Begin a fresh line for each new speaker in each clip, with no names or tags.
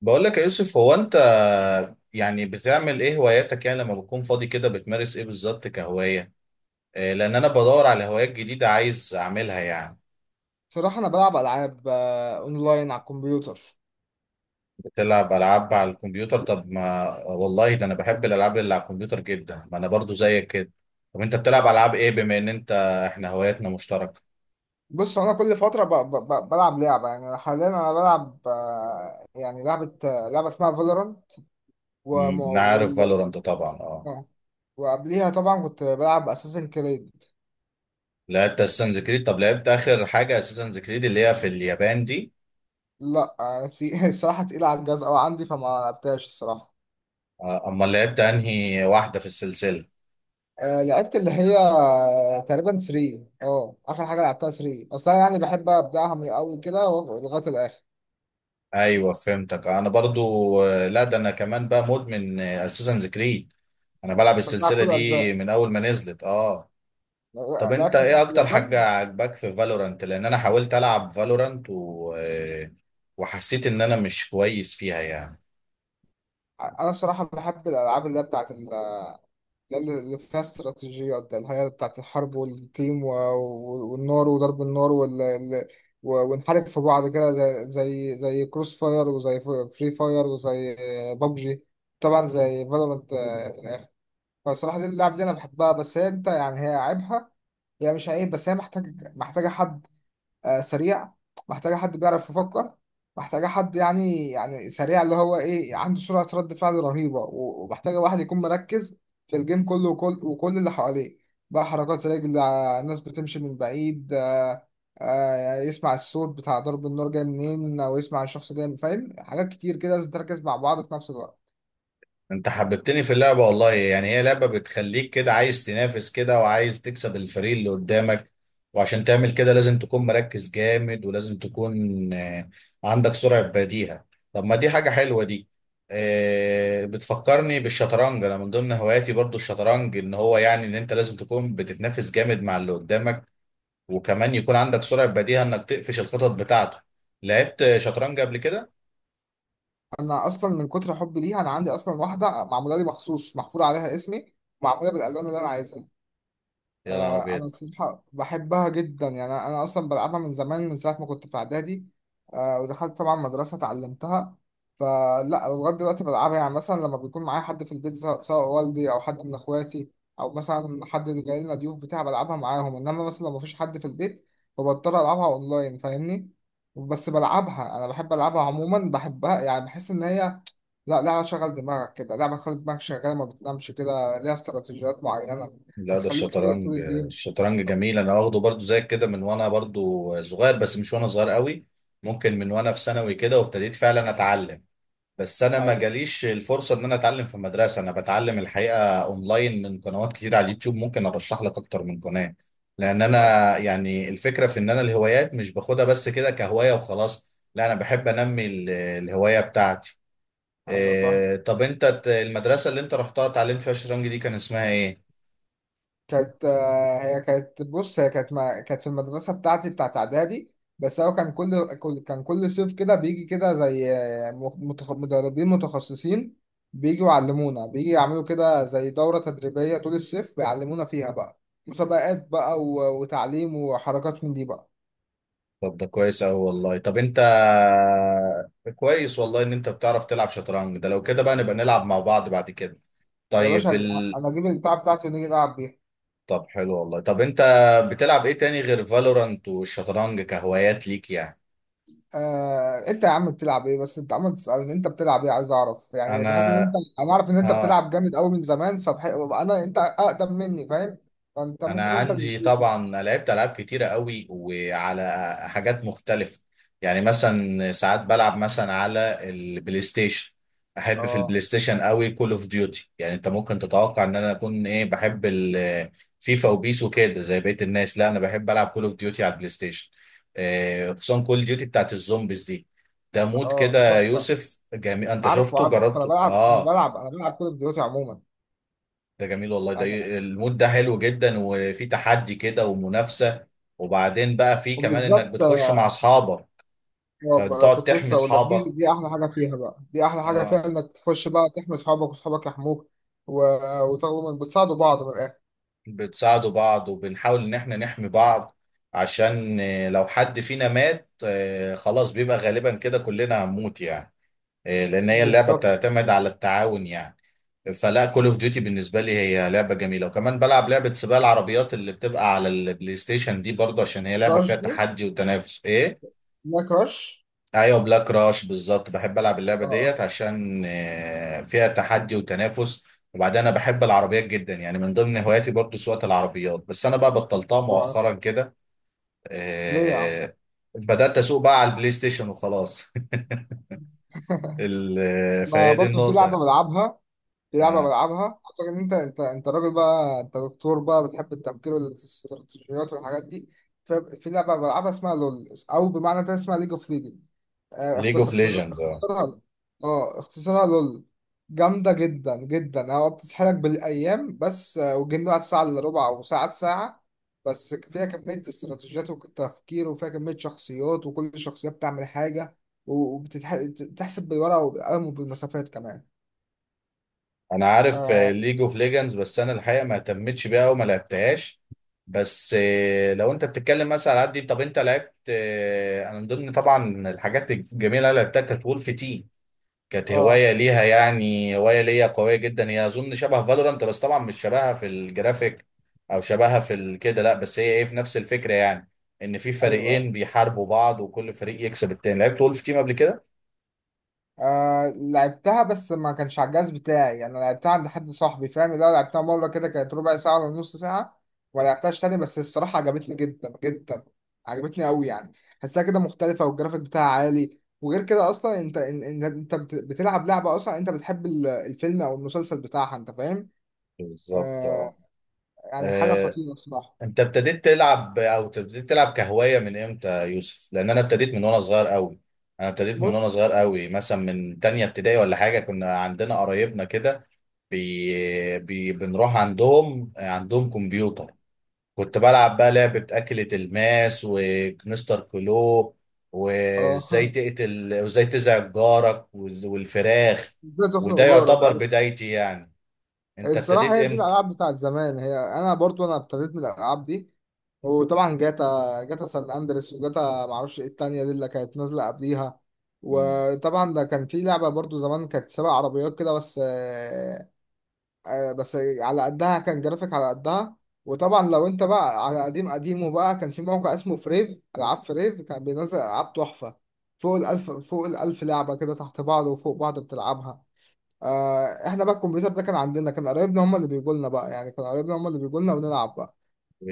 بقول لك يا يوسف، هو انت يعني بتعمل ايه؟ هواياتك يعني لما بتكون فاضي كده بتمارس ايه بالظبط كهواية؟ إيه، لان انا بدور على هوايات جديدة عايز اعملها يعني.
صراحة أنا بلعب ألعاب أونلاين على الكمبيوتر.
بتلعب العاب على الكمبيوتر؟ طب ما والله ده انا بحب الالعاب اللي على الكمبيوتر جدا، ما انا برضو زيك كده. طب انت بتلعب
أه
العاب ايه بما ان انت... احنا هواياتنا مشتركة.
بص، هو أنا كل فترة بلعب لعبة. يعني حاليا أنا بلعب يعني لعبة، لعبة اسمها فالورانت، وم...
انا عارف
وال...
فالورانت طبعا، اه.
آه، وقبليها طبعا كنت بلعب أساسن كريد.
لعبت اساسنز كريد؟ طب لعبت اخر حاجة اساسنز كريد اللي هي في اليابان دي؟
لا الصراحة تقيلة على الجهاز أوي عندي، فما لعبتهاش الصراحة.
امال لعبت انهي واحدة في السلسلة؟
لعبت اللي هي، تقريبا 3. اه آخر حاجة لعبتها 3 أصلا. يعني بحب أبدأها من الأول كده لغاية الآخر.
ايوه فهمتك انا برضو. لا ده انا كمان بقى مدمن اساسنز كريد. انا بلعب
لعبت بتاع
السلسله
كل
دي
أجزاء.
من اول ما نزلت، اه. طب انت
لعبت
ايه
بتاعت
اكتر حاجه
اليابان.
عجباك في فالورانت؟ لان انا حاولت العب فالورانت و... آه، وحسيت ان انا مش كويس فيها يعني.
انا الصراحه بحب الالعاب اللي هي بتاعت اللي فيها استراتيجيات ده، اللي هي بتاعت الحرب والتيم والنار وضرب النار ونحارب في بعض، كده زي زي كروس فاير وزي فري فاير وزي بابجي، طبعا زي فالورانت في الاخر. فالصراحه دي اللعب دي انا بحبها، بس هي، انت يعني هي عيبها، هي مش عيب، بس هي محتاجه حد سريع، محتاجة حد بيعرف يفكر، محتاجة حد يعني، يعني سريع، اللي هو إيه، عنده سرعة رد فعل رهيبة، ومحتاجة واحد يكون مركز في الجيم كله، وكل اللي حواليه، بقى حركات رجل، ناس بتمشي من بعيد، يسمع الصوت بتاع ضرب النار جاي منين، أو يسمع الشخص جاي فاهم حاجات كتير كده لازم تركز مع بعض في نفس الوقت.
انت حببتني في اللعبة والله، يعني هي لعبة بتخليك كده عايز تنافس كده وعايز تكسب الفريق اللي قدامك. وعشان تعمل كده لازم تكون مركز جامد، ولازم تكون آه، عندك سرعة بديهة. طب ما دي حاجة حلوة دي. بتفكرني بالشطرنج. انا من ضمن هواياتي برضو الشطرنج، ان هو يعني ان انت لازم تكون بتتنافس جامد مع اللي قدامك، وكمان يكون عندك سرعة بديهة انك تقفش الخطط بتاعته. لعبت شطرنج قبل كده؟
أنا أصلا من كتر حبي ليها، أنا عندي أصلا واحدة معمولة لي مخصوص، محفور عليها اسمي، معمولة بالألوان اللي أنا عايزها.
يا نهار
انا
أبيض!
الصراحه بحبها جدا يعني. أنا اصلا بلعبها من زمان، من ساعه ما كنت في اعدادي. ودخلت طبعا مدرسه اتعلمتها. فلا لغايه دلوقتي بلعبها، يعني مثلا لما بيكون معايا حد في البيت، سواء والدي او حد من اخواتي، او مثلا حد اللي جاي لنا ضيوف بتاع، بلعبها معاهم. انما مثلا لو مفيش حد في البيت، فبضطر العبها اونلاين، فاهمني؟ بس بلعبها، انا بحب العبها عموما، بحبها، يعني بحس ان هي، لا، لعبه شغل دماغك كده، لعبه تخلي دماغك شغاله ما بتنامش، كده ليها استراتيجيات معينه،
لا ده
هتخليك فايق طول
الشطرنج،
الجيم.
الشطرنج
أو-
جميل. انا واخده برضو زي كده من وانا برضو صغير، بس مش وانا صغير قوي. ممكن من وانا في ثانوي كده وابتديت فعلا اتعلم. بس انا ما
ايوه.
جاليش الفرصة ان انا اتعلم في مدرسة. انا بتعلم الحقيقة اونلاين من قنوات كتير على اليوتيوب، ممكن ارشح لك اكتر من قناة. لان انا
اه،
يعني الفكرة في ان انا الهوايات مش باخدها بس كده كهواية وخلاص، لا انا بحب انمي الهواية بتاعتي.
ايوه فاهم.
إيه، طب انت المدرسة اللي انت رحتها اتعلمت فيها الشطرنج دي كان اسمها ايه؟
كانت آه، هي كانت بص هي كانت ما كانت في المدرسه بتاعتي بتاعت اعدادي، بس هو كان كل، كان كل صيف كده بيجي كده زي، مدربين متخصصين بيجوا يعلمونا، بيجي يعملوا كده زي دوره تدريبيه طول الصيف، بيعلمونا فيها بقى مسابقات بقى وتعليم وحركات من دي بقى.
طب ده كويس أوي والله. طب أنت، كويس والله إن أنت بتعرف تلعب شطرنج. ده لو كده بقى نبقى نلعب مع بعض بعد كده.
يا باشا،
طيب
انا اجيب البتاع بتاعتي ونيجي نلعب بيها.
طب حلو والله. طب أنت بتلعب إيه تاني غير فالورانت والشطرنج كهوايات ليك يعني؟
انت يا عم بتلعب ايه؟ بس انت عمال تسألني انت بتلعب ايه، عايز اعرف. يعني بحس ان
أنا؟
انت، اعرف ان انت
آه
بتلعب جامد قوي من زمان، فبح... انا انت اقدم مني، فاهم؟ فانت
انا
ممكن، انت اللي
عندي
تفيدني.
طبعا لعبت العاب كتيره قوي وعلى حاجات مختلفه. يعني مثلا ساعات بلعب مثلا على البلاي ستيشن. احب في
اه.
البلاي ستيشن قوي كول اوف ديوتي. يعني انت ممكن تتوقع ان انا اكون ايه، بحب الفيفا وبيس وكده زي بقيه الناس، لا انا بحب العب كول اوف ديوتي على البلاي ستيشن. خصوصا كول ديوتي بتاعت الزومبيز دي. ده مود
اه
كده
دي
يا
تحفه.
يوسف جميل، انت
عارفه،
شفته
انا
جربته؟
بلعب، انا
اه.
بلعب انا بلعب كل فيديوهاتي عموما.
ده جميل والله. ده
انا،
المود ده حلو جدا، وفي تحدي كده ومنافسة. وبعدين بقى في كمان انك
وبالذات
بتخش مع اصحابك فبتقعد
كنت
تحمي
لسه اقول لك،
اصحابك.
دي احلى حاجه فيها بقى، دي احلى حاجه
اه.
فيها، انك تخش بقى تحمي اصحابك واصحابك يحموك، و... وتقوموا بتساعدوا بعض، من الاخر.
بتساعدوا بعض وبنحاول ان احنا نحمي بعض، عشان لو حد فينا مات خلاص بيبقى غالبا كده كلنا هنموت يعني. لان هي اللعبة
بالظبط
بتعتمد
بالظبط.
على التعاون يعني. فلا كول اوف ديوتي بالنسبة لي هي لعبة جميلة. وكمان بلعب لعبة سباق العربيات اللي بتبقى على البلاي ستيشن دي برضه، عشان هي لعبة
كراش
فيها
دي.
تحدي وتنافس ايه.
لا، كراش.
ايوه بلاك راش بالظبط. بحب العب اللعبه
اه.
ديت عشان فيها تحدي وتنافس. وبعدين انا بحب العربيات جدا، يعني من ضمن هواياتي برضو سواقه العربيات، بس انا بقى بطلتها
اه
مؤخرا كده.
ليه يا عم؟
آه، بدات اسوق بقى على البلاي ستيشن وخلاص.
انا
فهي دي
برضو في لعبه
النقطه.
بلعبها، في لعبة بلعبها، أعتقد إن أنت، أنت راجل بقى، أنت دكتور بقى، بتحب التفكير والاستراتيجيات والحاجات دي. في لعبة بلعبها اسمها لول، أو بمعنى تاني اسمها ليج أوف ليجند.
ليج
بس
اوف ليجندز،
اختصارها، اه اختصارها لول. جامدة جدا جدا، هو بتسحلك بالأيام، بس والجيم ده ساعة إلا ربع أو ساعة، بس فيها كمية استراتيجيات وتفكير، وفيها كمية شخصيات، وكل شخصية بتعمل حاجة، وبتحسب بالورقة وبالقلم وبالمسافات كمان.
انا عارف
اه.
ليج اوف ليجندز، بس انا الحقيقه ما اهتمتش بيها او ما لعبتهاش. بس لو انت بتتكلم مثلا على دي. طب انت لعبت... انا من ضمن طبعا الحاجات الجميله اللي لعبتها كانت وولف تيم. كانت
آه.
هوايه ليها يعني هوايه ليا قويه جدا. هي اظن شبه فالورانت، بس طبعا مش شبهها في الجرافيك او شبهها في كده، لا بس هي ايه في نفس الفكره يعني. ان في
ايوه.
فريقين بيحاربوا بعض وكل فريق يكسب التاني. لعبت وولف تيم قبل كده؟
آه لعبتها، بس ما كانش على الجهاز بتاعي، انا لعبتها عند حد صاحبي، فاهم؟ لو لعبتها مره كده، كانت ربع ساعه ولا نص ساعه، وما لعبتهاش تاني. بس الصراحه عجبتني جدا جدا، عجبتني قوي يعني. حسها كده مختلفه، والجرافيك بتاعها عالي، وغير كده اصلا انت بتلعب لعبه، اصلا انت بتحب الفيلم او المسلسل بتاعها، انت فاهم.
بالظبط.
آه، يعني حاجه
اه.
خطيره الصراحه.
انت ابتديت تلعب او ابتديت تلعب كهوايه من امتى يا يوسف؟ لان انا ابتديت من وانا صغير قوي. انا ابتديت من وانا
بص،
صغير قوي، مثلا من تانية ابتدائي ولا حاجه. كنا عندنا قرايبنا كده، بنروح عندهم كمبيوتر. كنت بلعب بقى لعبه اكله الماس ومستر كلو،
اه.
وازاي تقتل وازاي تزعج جارك والفراخ.
ازاي تخنق
وده
جارك.
يعتبر بدايتي يعني. انت
الصراحة
ابتديت
هي دي
امتى؟
الألعاب بتاعت زمان. هي أنا برضو أنا ابتديت من الألعاب دي. وطبعا جاتا سان أندريس، وجاتا معرفش إيه التانية دي اللي كانت نازلة قبليها.
مم.
وطبعا ده كان في لعبة برضو زمان كانت سبع عربيات كده، بس بس على قدها، كان جرافيك على قدها. وطبعا لو أنت بقى على قديم قديمه بقى، كان في موقع اسمه فريف، ألعاب فريف، كان بينزل ألعاب تحفة، فوق الألف، فوق الألف لعبة كده، تحت بعض وفوق بعض، بتلعبها. آه احنا بقى الكمبيوتر ده كان عندنا، كان قرايبنا هم اللي بيجوا لنا بقى، يعني كان قرايبنا هم اللي بيجوا لنا ونلعب بقى.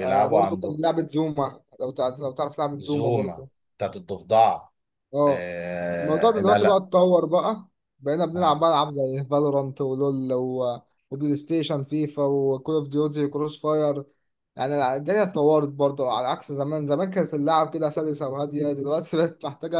آه برضو كان
عندهم.
لعبة زوما، لو لو تعرف لعبة زوما
زوما؟
برضو.
بتاعت الضفدعة؟
اه. الموضوع ده
آه، لا
دلوقتي بقى
لا.
اتطور بقى، بقينا بنلعب
آه.
بقى العاب زي فالورانت ولول وبلاي ستيشن فيفا وكول اوف ديوتي كروس فاير. يعني الدنيا اتطورت برضه على عكس زمان. زمان كانت اللعب كده سلسة وهادية، دلوقتي بقت محتاجة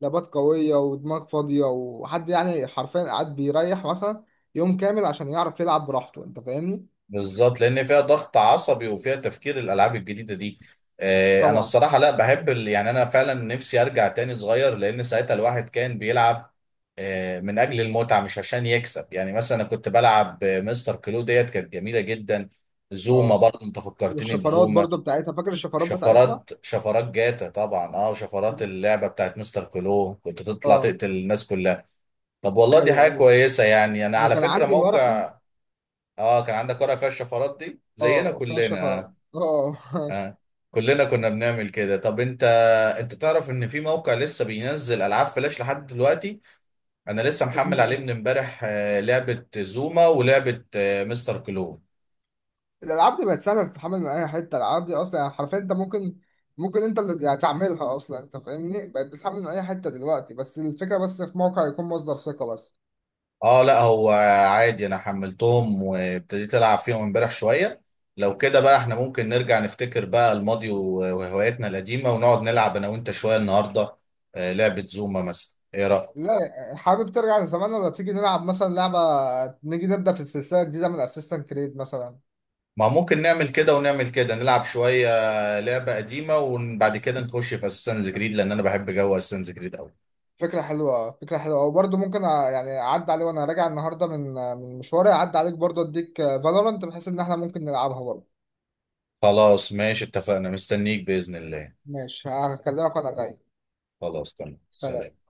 لابات قوية ودماغ فاضية، وحد يعني حرفيا قاعد بيريح مثلا يوم كامل عشان يعرف يلعب براحته، انت فاهمني؟
بالظبط، لأن فيها ضغط عصبي وفيها تفكير الألعاب الجديدة دي. أنا
طبعا.
الصراحة لا بحب يعني أنا فعلا نفسي أرجع تاني صغير، لأن ساعتها الواحد كان بيلعب من أجل المتعة مش عشان يكسب. يعني مثلا أنا كنت بلعب، مستر كلو ديت كانت جميلة جدا. زوما
اه،
برضه، أنت فكرتني
والشفرات
بزوما.
برضه بتاعتها، فاكر الشفرات بتاعتها؟
شفرات، شفرات جاتا طبعا اه، وشفرات اللعبة بتاعت مستر كلو كنت تطلع
اه،
تقتل الناس كلها. طب والله دي
ايوه
حاجة
ايوه،
كويسة. يعني أنا
انا
على
كان
فكرة
عندي ورقة،
موقع... كان عندك ورقة فيها الشفرات دي زينا
اه فيها
كلنا؟
شفرة،
آه.
اه.
آه، كلنا كنا بنعمل كده. طب أنت تعرف إن في موقع لسه بينزل ألعاب فلاش لحد دلوقتي؟ أنا لسه محمل عليه من
إيه؟
إمبارح لعبة زوما ولعبة مستر كلون.
الالعاب دي بقت سهله تتحمل من اي حته. الالعاب دي اصلا يعني حرفيا انت ممكن، انت اللي يعني تعملها اصلا، انت فاهمني، بقت بتتحمل من اي حته دلوقتي، بس الفكره بس في موقع يكون مصدر ثقه بس.
اه لا، هو عادي، انا حملتهم وابتديت العب فيهم امبارح شويه. لو كده بقى احنا ممكن نرجع نفتكر بقى الماضي وهواياتنا القديمه ونقعد نلعب انا وانت شويه النهارده. لعبه زوما مثلا، ايه رايك؟
لا، حابب ترجع لزمان ولا تيجي نلعب مثلا لعبه، نيجي نبدا في السلسله الجديده من اسيستنت كريد مثلا؟
ما ممكن نعمل كده، ونعمل كده نلعب شويه لعبه قديمه، وبعد كده نخش في اساسنز جريد لان انا بحب جو اساسنز جريد قوي.
فكره حلوه، فكره حلوه. وبرضه ممكن يعني اعدي عليه وانا راجع النهارده من مشواري، اعدي عليك برضه اديك فالورانت، بحيث ان احنا ممكن نلعبها برضه.
خلاص ماشي، اتفقنا، مستنيك باذن الله.
ماشي، هكلمك وانا جاي.
خلاص تمام،
سلام.
سلام.